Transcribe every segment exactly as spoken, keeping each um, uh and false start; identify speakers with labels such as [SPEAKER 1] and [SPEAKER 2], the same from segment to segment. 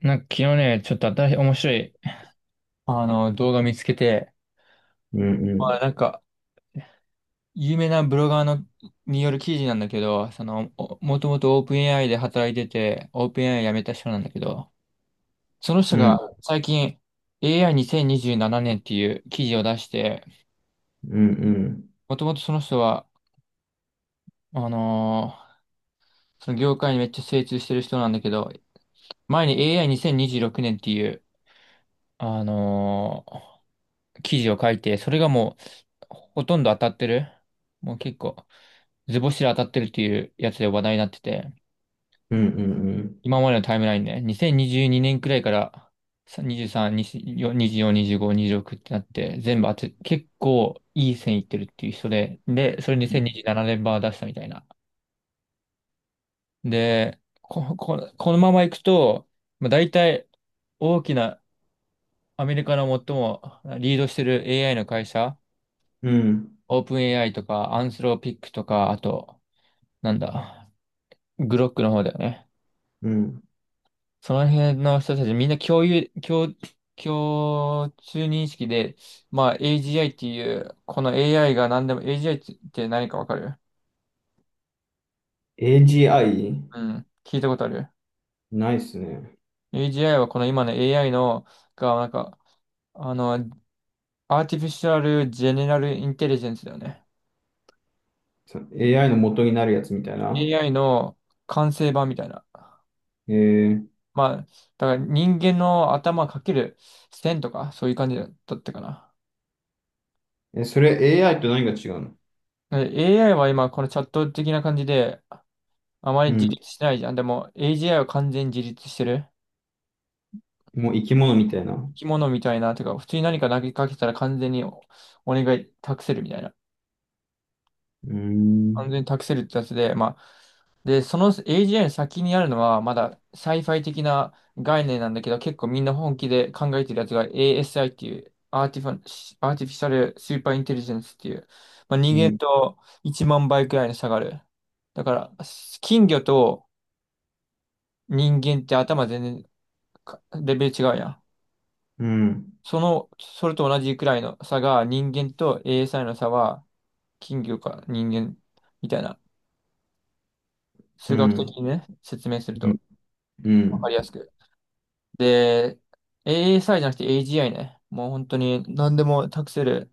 [SPEAKER 1] なんか昨日ね、ちょっと新しい、面白い、あの、動画見つけて、
[SPEAKER 2] うんう
[SPEAKER 1] ま
[SPEAKER 2] ん。
[SPEAKER 1] あ、なんか、有名なブロガーの、による記事なんだけど、その、おもともとオープン エーアイ で働いてて、オープン エーアイ 辞めた人なんだけど、その
[SPEAKER 2] う
[SPEAKER 1] 人
[SPEAKER 2] ん
[SPEAKER 1] が最近 エーアイにせんにじゅうなな 年っていう記事を出して、
[SPEAKER 2] うんうん。
[SPEAKER 1] もともとその人は、あのーその業界にめっちゃ精通してる人なんだけど、前に エーアイにせんにじゅうろく 年っていう、あのー記事を書いて、それがもう、ほとんど当たってる。もう結構、図星で当たってるっていうやつで話題になってて、
[SPEAKER 2] うんうんうん。
[SPEAKER 1] 今までのタイムラインね、にせんにじゅうにねんくらいから、さ23、にじゅうよん、に ご にじゅうろくってなって、全部当て、結構いい線いってるっていう人で、で、それにせんにじゅうななねん版出したみたいな。で、こ、こ、このままいくと、まあ、大体、大きなアメリカの最もリードしてる エーアイ の会社、
[SPEAKER 2] うん
[SPEAKER 1] オープン エーアイ とか、アンスローピックとか、あと、なんだ、グロックの方だよね。
[SPEAKER 2] うん。
[SPEAKER 1] その辺の人たちみんな共有、共、共通認識で、まあ エージーアイ っていう、この AI が何でも、AGI って何かわかる？
[SPEAKER 2] エージーアイ？
[SPEAKER 1] うん、聞いたことある。
[SPEAKER 2] ないっすね。
[SPEAKER 1] AGI はこの今の エーアイ の、が、なんか、あの、アーティフィシャルジェネラルインテリジェンスだよね。
[SPEAKER 2] さ エーアイ の元になるやつみたいな。
[SPEAKER 1] エーアイ の完成版みたいな。
[SPEAKER 2] え
[SPEAKER 1] まあ、だから人間の頭かける線とか、そういう感じだったかな。
[SPEAKER 2] ー、え、それ エーアイ と何が違うの？
[SPEAKER 1] で エーアイ は今、このチャット的な感じで、あまり
[SPEAKER 2] う
[SPEAKER 1] 自
[SPEAKER 2] ん。
[SPEAKER 1] 立してないじゃん。でも、エージーアイ は完全に自立してる。
[SPEAKER 2] もう生き物みたいな。う
[SPEAKER 1] 生き物みたいな、てか、普通に何か投げかけたら完全におお願い託せるみたいな。
[SPEAKER 2] ー
[SPEAKER 1] 完
[SPEAKER 2] ん。
[SPEAKER 1] 全に託せるってやつで、まあ、で、その エージーアイ の先にあるのは、まだサイファイ的な概念なんだけど、結構みんな本気で考えてるやつが エーエスアイ っていう、アーティファ、アーティフィシャルスーパーインテリジェンスっていう、まあ、人
[SPEAKER 2] う
[SPEAKER 1] 間
[SPEAKER 2] ん。
[SPEAKER 1] といちまん倍くらいの差がある。だから、金魚と人間って頭全然かレベル違うやん。
[SPEAKER 2] うん。
[SPEAKER 1] その、それと同じくらいの差が、人間と エーエスアイ の差は、金魚か人間みたいな、
[SPEAKER 2] う
[SPEAKER 1] 数学
[SPEAKER 2] ん。
[SPEAKER 1] 的にね、説明する
[SPEAKER 2] う
[SPEAKER 1] と。
[SPEAKER 2] ん。う
[SPEAKER 1] わか
[SPEAKER 2] ん。
[SPEAKER 1] りやすく。で、エーエスアイ じゃなくて エージーアイ ね。もう本当に何でも託せる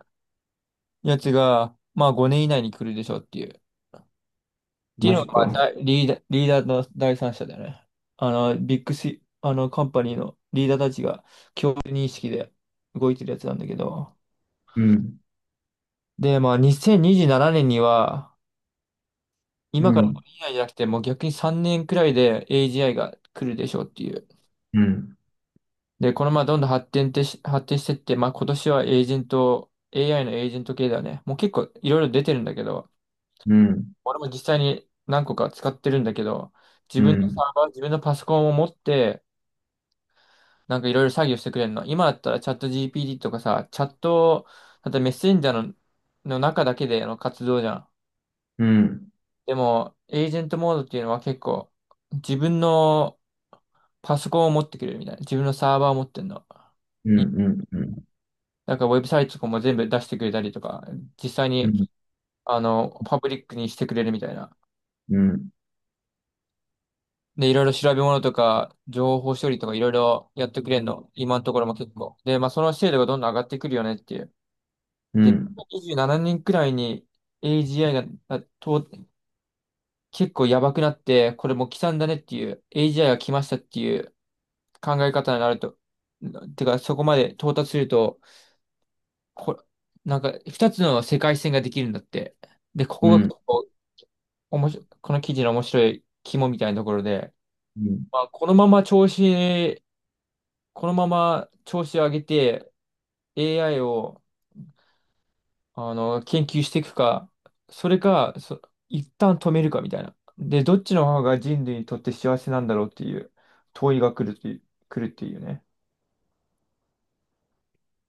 [SPEAKER 1] やつが、まあごねん以内に来るでしょうっていう。っていう
[SPEAKER 2] マ
[SPEAKER 1] の
[SPEAKER 2] ジ
[SPEAKER 1] が、まあ、
[SPEAKER 2] か。
[SPEAKER 1] だリーダー、リーダーの第三者だよね。あの、ビッグシ、あの、カンパニーのリーダーたちが共通認識で動いてるやつなんだけど。
[SPEAKER 2] うん。
[SPEAKER 1] で、まあにせんにじゅうななねんにじゅうななねんには、
[SPEAKER 2] う
[SPEAKER 1] 今から
[SPEAKER 2] ん。
[SPEAKER 1] ごねん以内じゃなくて、もう逆にさんねんくらいで エージーアイ が来るでしょうっていう。
[SPEAKER 2] うん。
[SPEAKER 1] で、このままどんどん発展ってし、発展してって、まあ今年はエージェント、エーアイ のエージェント系だよね。もう結構いろいろ出てるんだけど、
[SPEAKER 2] うん。
[SPEAKER 1] 俺も実際に何個か使ってるんだけど、自
[SPEAKER 2] う
[SPEAKER 1] 分のサ
[SPEAKER 2] ん。
[SPEAKER 1] ーバー、自分のパソコンを持って、なんかいろいろ作業してくれるの。今だったらチャット ジーピーティー とかさ、チャット、あとメッセンジャーの、の中だけでの活動じゃん。
[SPEAKER 2] うん。うん。
[SPEAKER 1] でも、エージェントモードっていうのは結構、自分のパソコンを持ってくれるみたいな。自分のサーバーを持ってんの。
[SPEAKER 2] うん。うん。
[SPEAKER 1] なんかウェブサイトとかも全部出してくれたりとか、実際
[SPEAKER 2] う
[SPEAKER 1] に、
[SPEAKER 2] ん。
[SPEAKER 1] あの、パブリックにしてくれるみたいな。
[SPEAKER 2] うん。
[SPEAKER 1] で、いろいろ調べ物とか、情報処理とかいろいろやってくれるの。今のところも結構。で、まあ、その精度がどんどん上がってくるよねっていう。
[SPEAKER 2] う
[SPEAKER 1] で、
[SPEAKER 2] ん。
[SPEAKER 1] にじゅうななねんくらいに エージーアイ が、あと、結構やばくなって、これもう刻んだねっていう、エージーアイ が来ましたっていう考え方になると、てか、そこまで到達すると、こ、なんか、二つの世界線ができるんだって。で、こ
[SPEAKER 2] う
[SPEAKER 1] こが
[SPEAKER 2] ん。
[SPEAKER 1] おもし、この記事の面白い肝みたいなところで、
[SPEAKER 2] うん。
[SPEAKER 1] まあ、このまま調子、このまま調子を上げて エーアイ をあの研究していくか、それか、そ、一旦止めるかみたいな。で、どっちの方が人類にとって幸せなんだろうっていう問いが来るっていう、来るっていうね。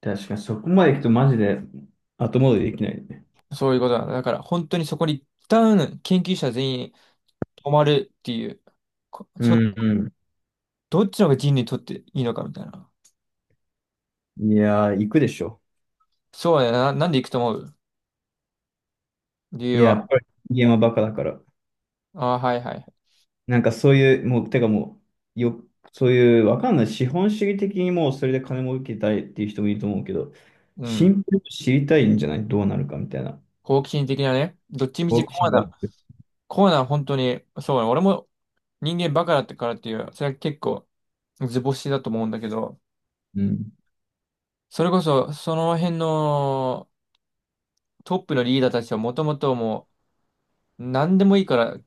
[SPEAKER 2] 確かに、そこまで行くとマジで後戻りできないね。
[SPEAKER 1] そういうことなだ。だから本当にそこに一旦研究者全員止まるっていう、こ
[SPEAKER 2] う
[SPEAKER 1] ちょ、
[SPEAKER 2] ん
[SPEAKER 1] どっちの方が人類にとっていいのかみたいな。
[SPEAKER 2] うん。いやー、行くでしょ。
[SPEAKER 1] そうだよな。なんで行くと思う？理
[SPEAKER 2] い
[SPEAKER 1] 由
[SPEAKER 2] や、やっ
[SPEAKER 1] は？
[SPEAKER 2] ぱり人間はバカだから。
[SPEAKER 1] ああ、はいはい。
[SPEAKER 2] なんかそういう、もう、てかもう、よ、そういう、わかんない。資本主義的にもうそれで金儲けたいっていう人もいると思うけど、
[SPEAKER 1] う
[SPEAKER 2] シ
[SPEAKER 1] ん。
[SPEAKER 2] ンプルに知りたいんじゃない？どうなるかみたいな。
[SPEAKER 1] 好奇心的なね。どっちみ
[SPEAKER 2] 好
[SPEAKER 1] ち
[SPEAKER 2] 奇
[SPEAKER 1] コア
[SPEAKER 2] 心があ
[SPEAKER 1] な、
[SPEAKER 2] って。
[SPEAKER 1] コアな本当に、そうね。俺も人間バカだったからっていう、それは結構図星だと思うんだけど、
[SPEAKER 2] うん。
[SPEAKER 1] それこそその辺のトップのリーダーたちはもともともう何でもいいから、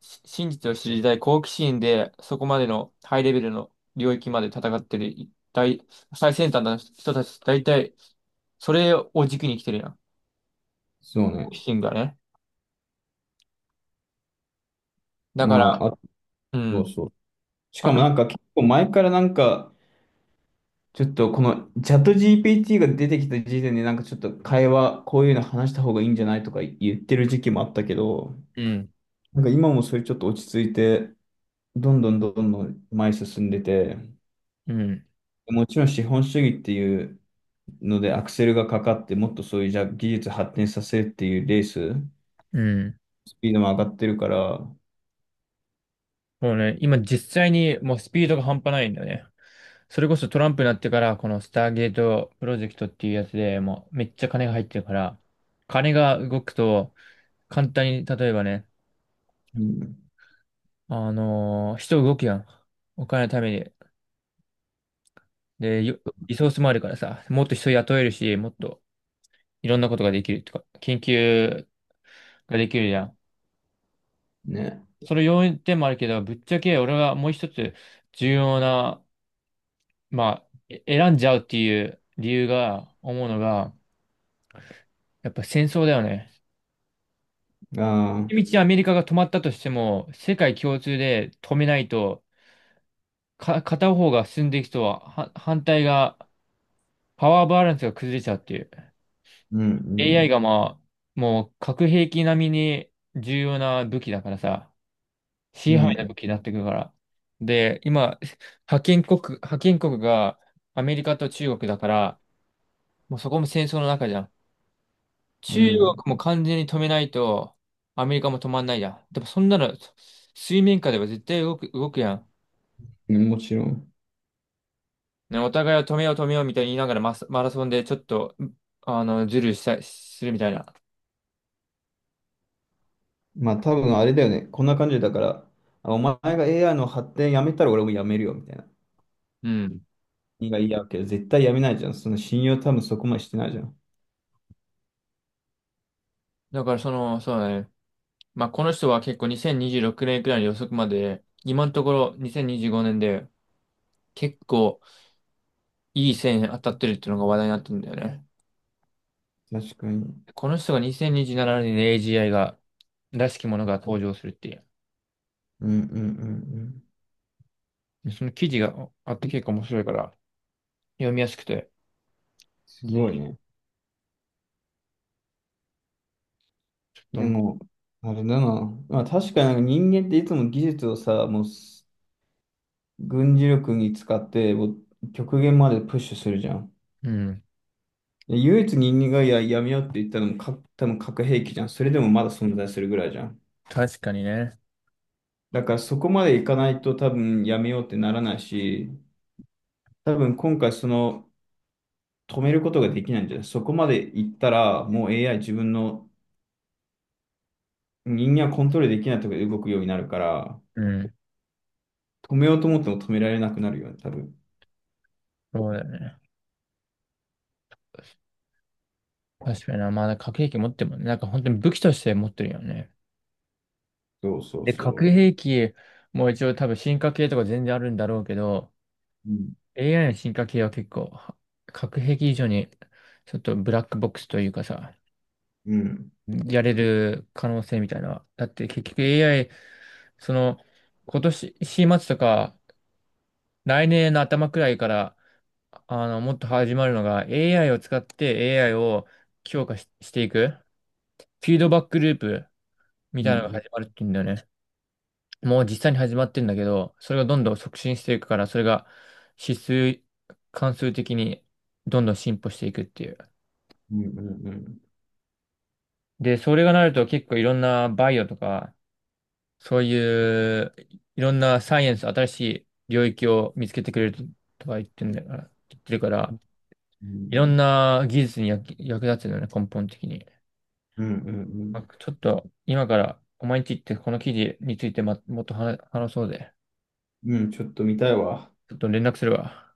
[SPEAKER 1] し真実を知りたい好奇心で、そこまでのハイレベルの領域まで戦ってる大、最先端の人たち、大体、それを軸に来てるやん。
[SPEAKER 2] そう
[SPEAKER 1] 好
[SPEAKER 2] ね。
[SPEAKER 1] 奇心がね。だ
[SPEAKER 2] ま
[SPEAKER 1] から、
[SPEAKER 2] あ、あ、
[SPEAKER 1] う
[SPEAKER 2] そう
[SPEAKER 1] ん。
[SPEAKER 2] そう。し
[SPEAKER 1] あ
[SPEAKER 2] かも
[SPEAKER 1] と、
[SPEAKER 2] なんか結構前からなんか、ちょっとこのチャット ジーピーティー が出てきた時点でなんかちょっと会話こういうの話した方がいいんじゃない、とか言ってる時期もあったけど、
[SPEAKER 1] うん
[SPEAKER 2] なんか今もそれちょっと落ち着いて、どんどんどんどん前に進んでて、
[SPEAKER 1] うん。
[SPEAKER 2] もちろん資本主義っていうのでアクセルがかかってもっとそういうじゃあ技術発展させるっていうレース、
[SPEAKER 1] うん。
[SPEAKER 2] スピードも上がってるから、
[SPEAKER 1] もうね、今実際にもうスピードが半端ないんだよね。それこそトランプになってから、このスターゲートプロジェクトっていうやつでもうめっちゃ金が入ってるから、金が動くと簡単に、例えばね、
[SPEAKER 2] うん、
[SPEAKER 1] あのー人動くやん。お金のために。で、よリソースもあるからさ、もっと人雇えるし、もっといろんなことができるとか、研究ができるじゃん。
[SPEAKER 2] ね、
[SPEAKER 1] その要因点もあるけど、ぶっちゃけ俺はもう一つ重要なまあ、え選んじゃうっていう理由が、思うのが、やっぱ戦争だよね。
[SPEAKER 2] ああ、
[SPEAKER 1] 一道アメリカが止まったとしても、世界共通で止めないと、か、片方が進んでいくとは、は反対が、パワーバランスが崩れちゃうっていう。
[SPEAKER 2] う
[SPEAKER 1] エーアイ
[SPEAKER 2] ん、
[SPEAKER 1] がまあ、もう核兵器並みに重要な武器だからさ、支
[SPEAKER 2] う
[SPEAKER 1] 配な武
[SPEAKER 2] ん、
[SPEAKER 1] 器になってくるから。で、今、覇権国、覇権国がアメリカと中国だから、もうそこも戦争の中じゃん。
[SPEAKER 2] う
[SPEAKER 1] 中国
[SPEAKER 2] ん、
[SPEAKER 1] も完全に止めないと、アメリカも止まんないや。でもそんなの、水面下では絶対動く、動くやん。
[SPEAKER 2] うん、もちろん。
[SPEAKER 1] ね、お互いを止めよう止めようみたいに言いながらマスマラソンでちょっと、うあの、ズルしたするみたいな。
[SPEAKER 2] まあ多分あれだよね。こんな感じだから、あお前が エーアイ の発展やめたら俺もやめるよみたいな。
[SPEAKER 1] うん。
[SPEAKER 2] 君が嫌うけど、絶対やめないじゃん。その信用多分そこまでしてないじゃん。
[SPEAKER 1] だからその、そうだね。まあ、この人は結構にせんにじゅうろくねんくねんくらいの予測まで、今のところにせんにじゅうごねんで結構いい線当たってるっていうのが話題になってるんだよね。
[SPEAKER 2] 確かに。
[SPEAKER 1] この人がにせんにじゅうななねんに エージーアイ が、らしきものが登場するっていう。
[SPEAKER 2] うんうんうんうん。
[SPEAKER 1] でその記事があって結構面白いから読みやすくて、
[SPEAKER 2] す
[SPEAKER 1] ぜ
[SPEAKER 2] ごい
[SPEAKER 1] ひ
[SPEAKER 2] ね。
[SPEAKER 1] ちょっ
[SPEAKER 2] で
[SPEAKER 1] と、
[SPEAKER 2] も、あれだな。まあ確かになんか人間っていつも技術をさ、もうす軍事力に使って、もう極限までプッシュするじゃん。
[SPEAKER 1] うん。
[SPEAKER 2] で唯一人間がや、やめようって言ったのもか、多分核兵器じゃん。それでもまだ存在するぐらいじゃん。
[SPEAKER 1] 確かにね。
[SPEAKER 2] だからそこまでいかないと多分やめようってならないし、多分今回その止めることができないんじゃない？そこまでいったらもう エーアイ 自分の人間はコントロールできないところで動くようになるから、
[SPEAKER 1] うん。
[SPEAKER 2] 止めようと思っても止められなくなるよね、多分。
[SPEAKER 1] そうだよね。確かにな。まあ、なんか核兵器持ってるもんね。なんか本当に武器として持ってるよね。
[SPEAKER 2] そうそう
[SPEAKER 1] で、
[SPEAKER 2] そ
[SPEAKER 1] 核
[SPEAKER 2] う。
[SPEAKER 1] 兵器も一応多分進化系とか全然あるんだろうけど、
[SPEAKER 2] うん。
[SPEAKER 1] エーアイ の進化系は結構、は核兵器以上にちょっとブラックボックスというかさ、
[SPEAKER 2] うん。
[SPEAKER 1] やれる可能性みたいな。だって結局 エーアイ、その、今年、よん末とか、来年の頭くらいから、あの、もっと始まるのが エーアイ を使って エーアイ を強化し、していく、フィードバックループみ
[SPEAKER 2] う
[SPEAKER 1] たいなのが
[SPEAKER 2] ん。
[SPEAKER 1] 始まるって言うんだよね。もう実際に始まってんだけど、それがどんどん促進していくから、それが指数、関数的にどんどん進歩していくっていう。
[SPEAKER 2] うん。うん。
[SPEAKER 1] で、それがなると結構いろんなバイオとか、そういういろんなサイエンス、新しい領域を見つけてくれるとか言ってんだから、言ってるから、
[SPEAKER 2] う
[SPEAKER 1] い
[SPEAKER 2] ん。
[SPEAKER 1] ろんな技術に役、役立つんだよね、根本的に。
[SPEAKER 2] うん。うん。う
[SPEAKER 1] あ
[SPEAKER 2] ん。
[SPEAKER 1] ちょっと今からお前んち行ってこの記事についてま、もっと話話そうぜ。
[SPEAKER 2] うん、ちょっと見たいわ。
[SPEAKER 1] ちょっと連絡するわ。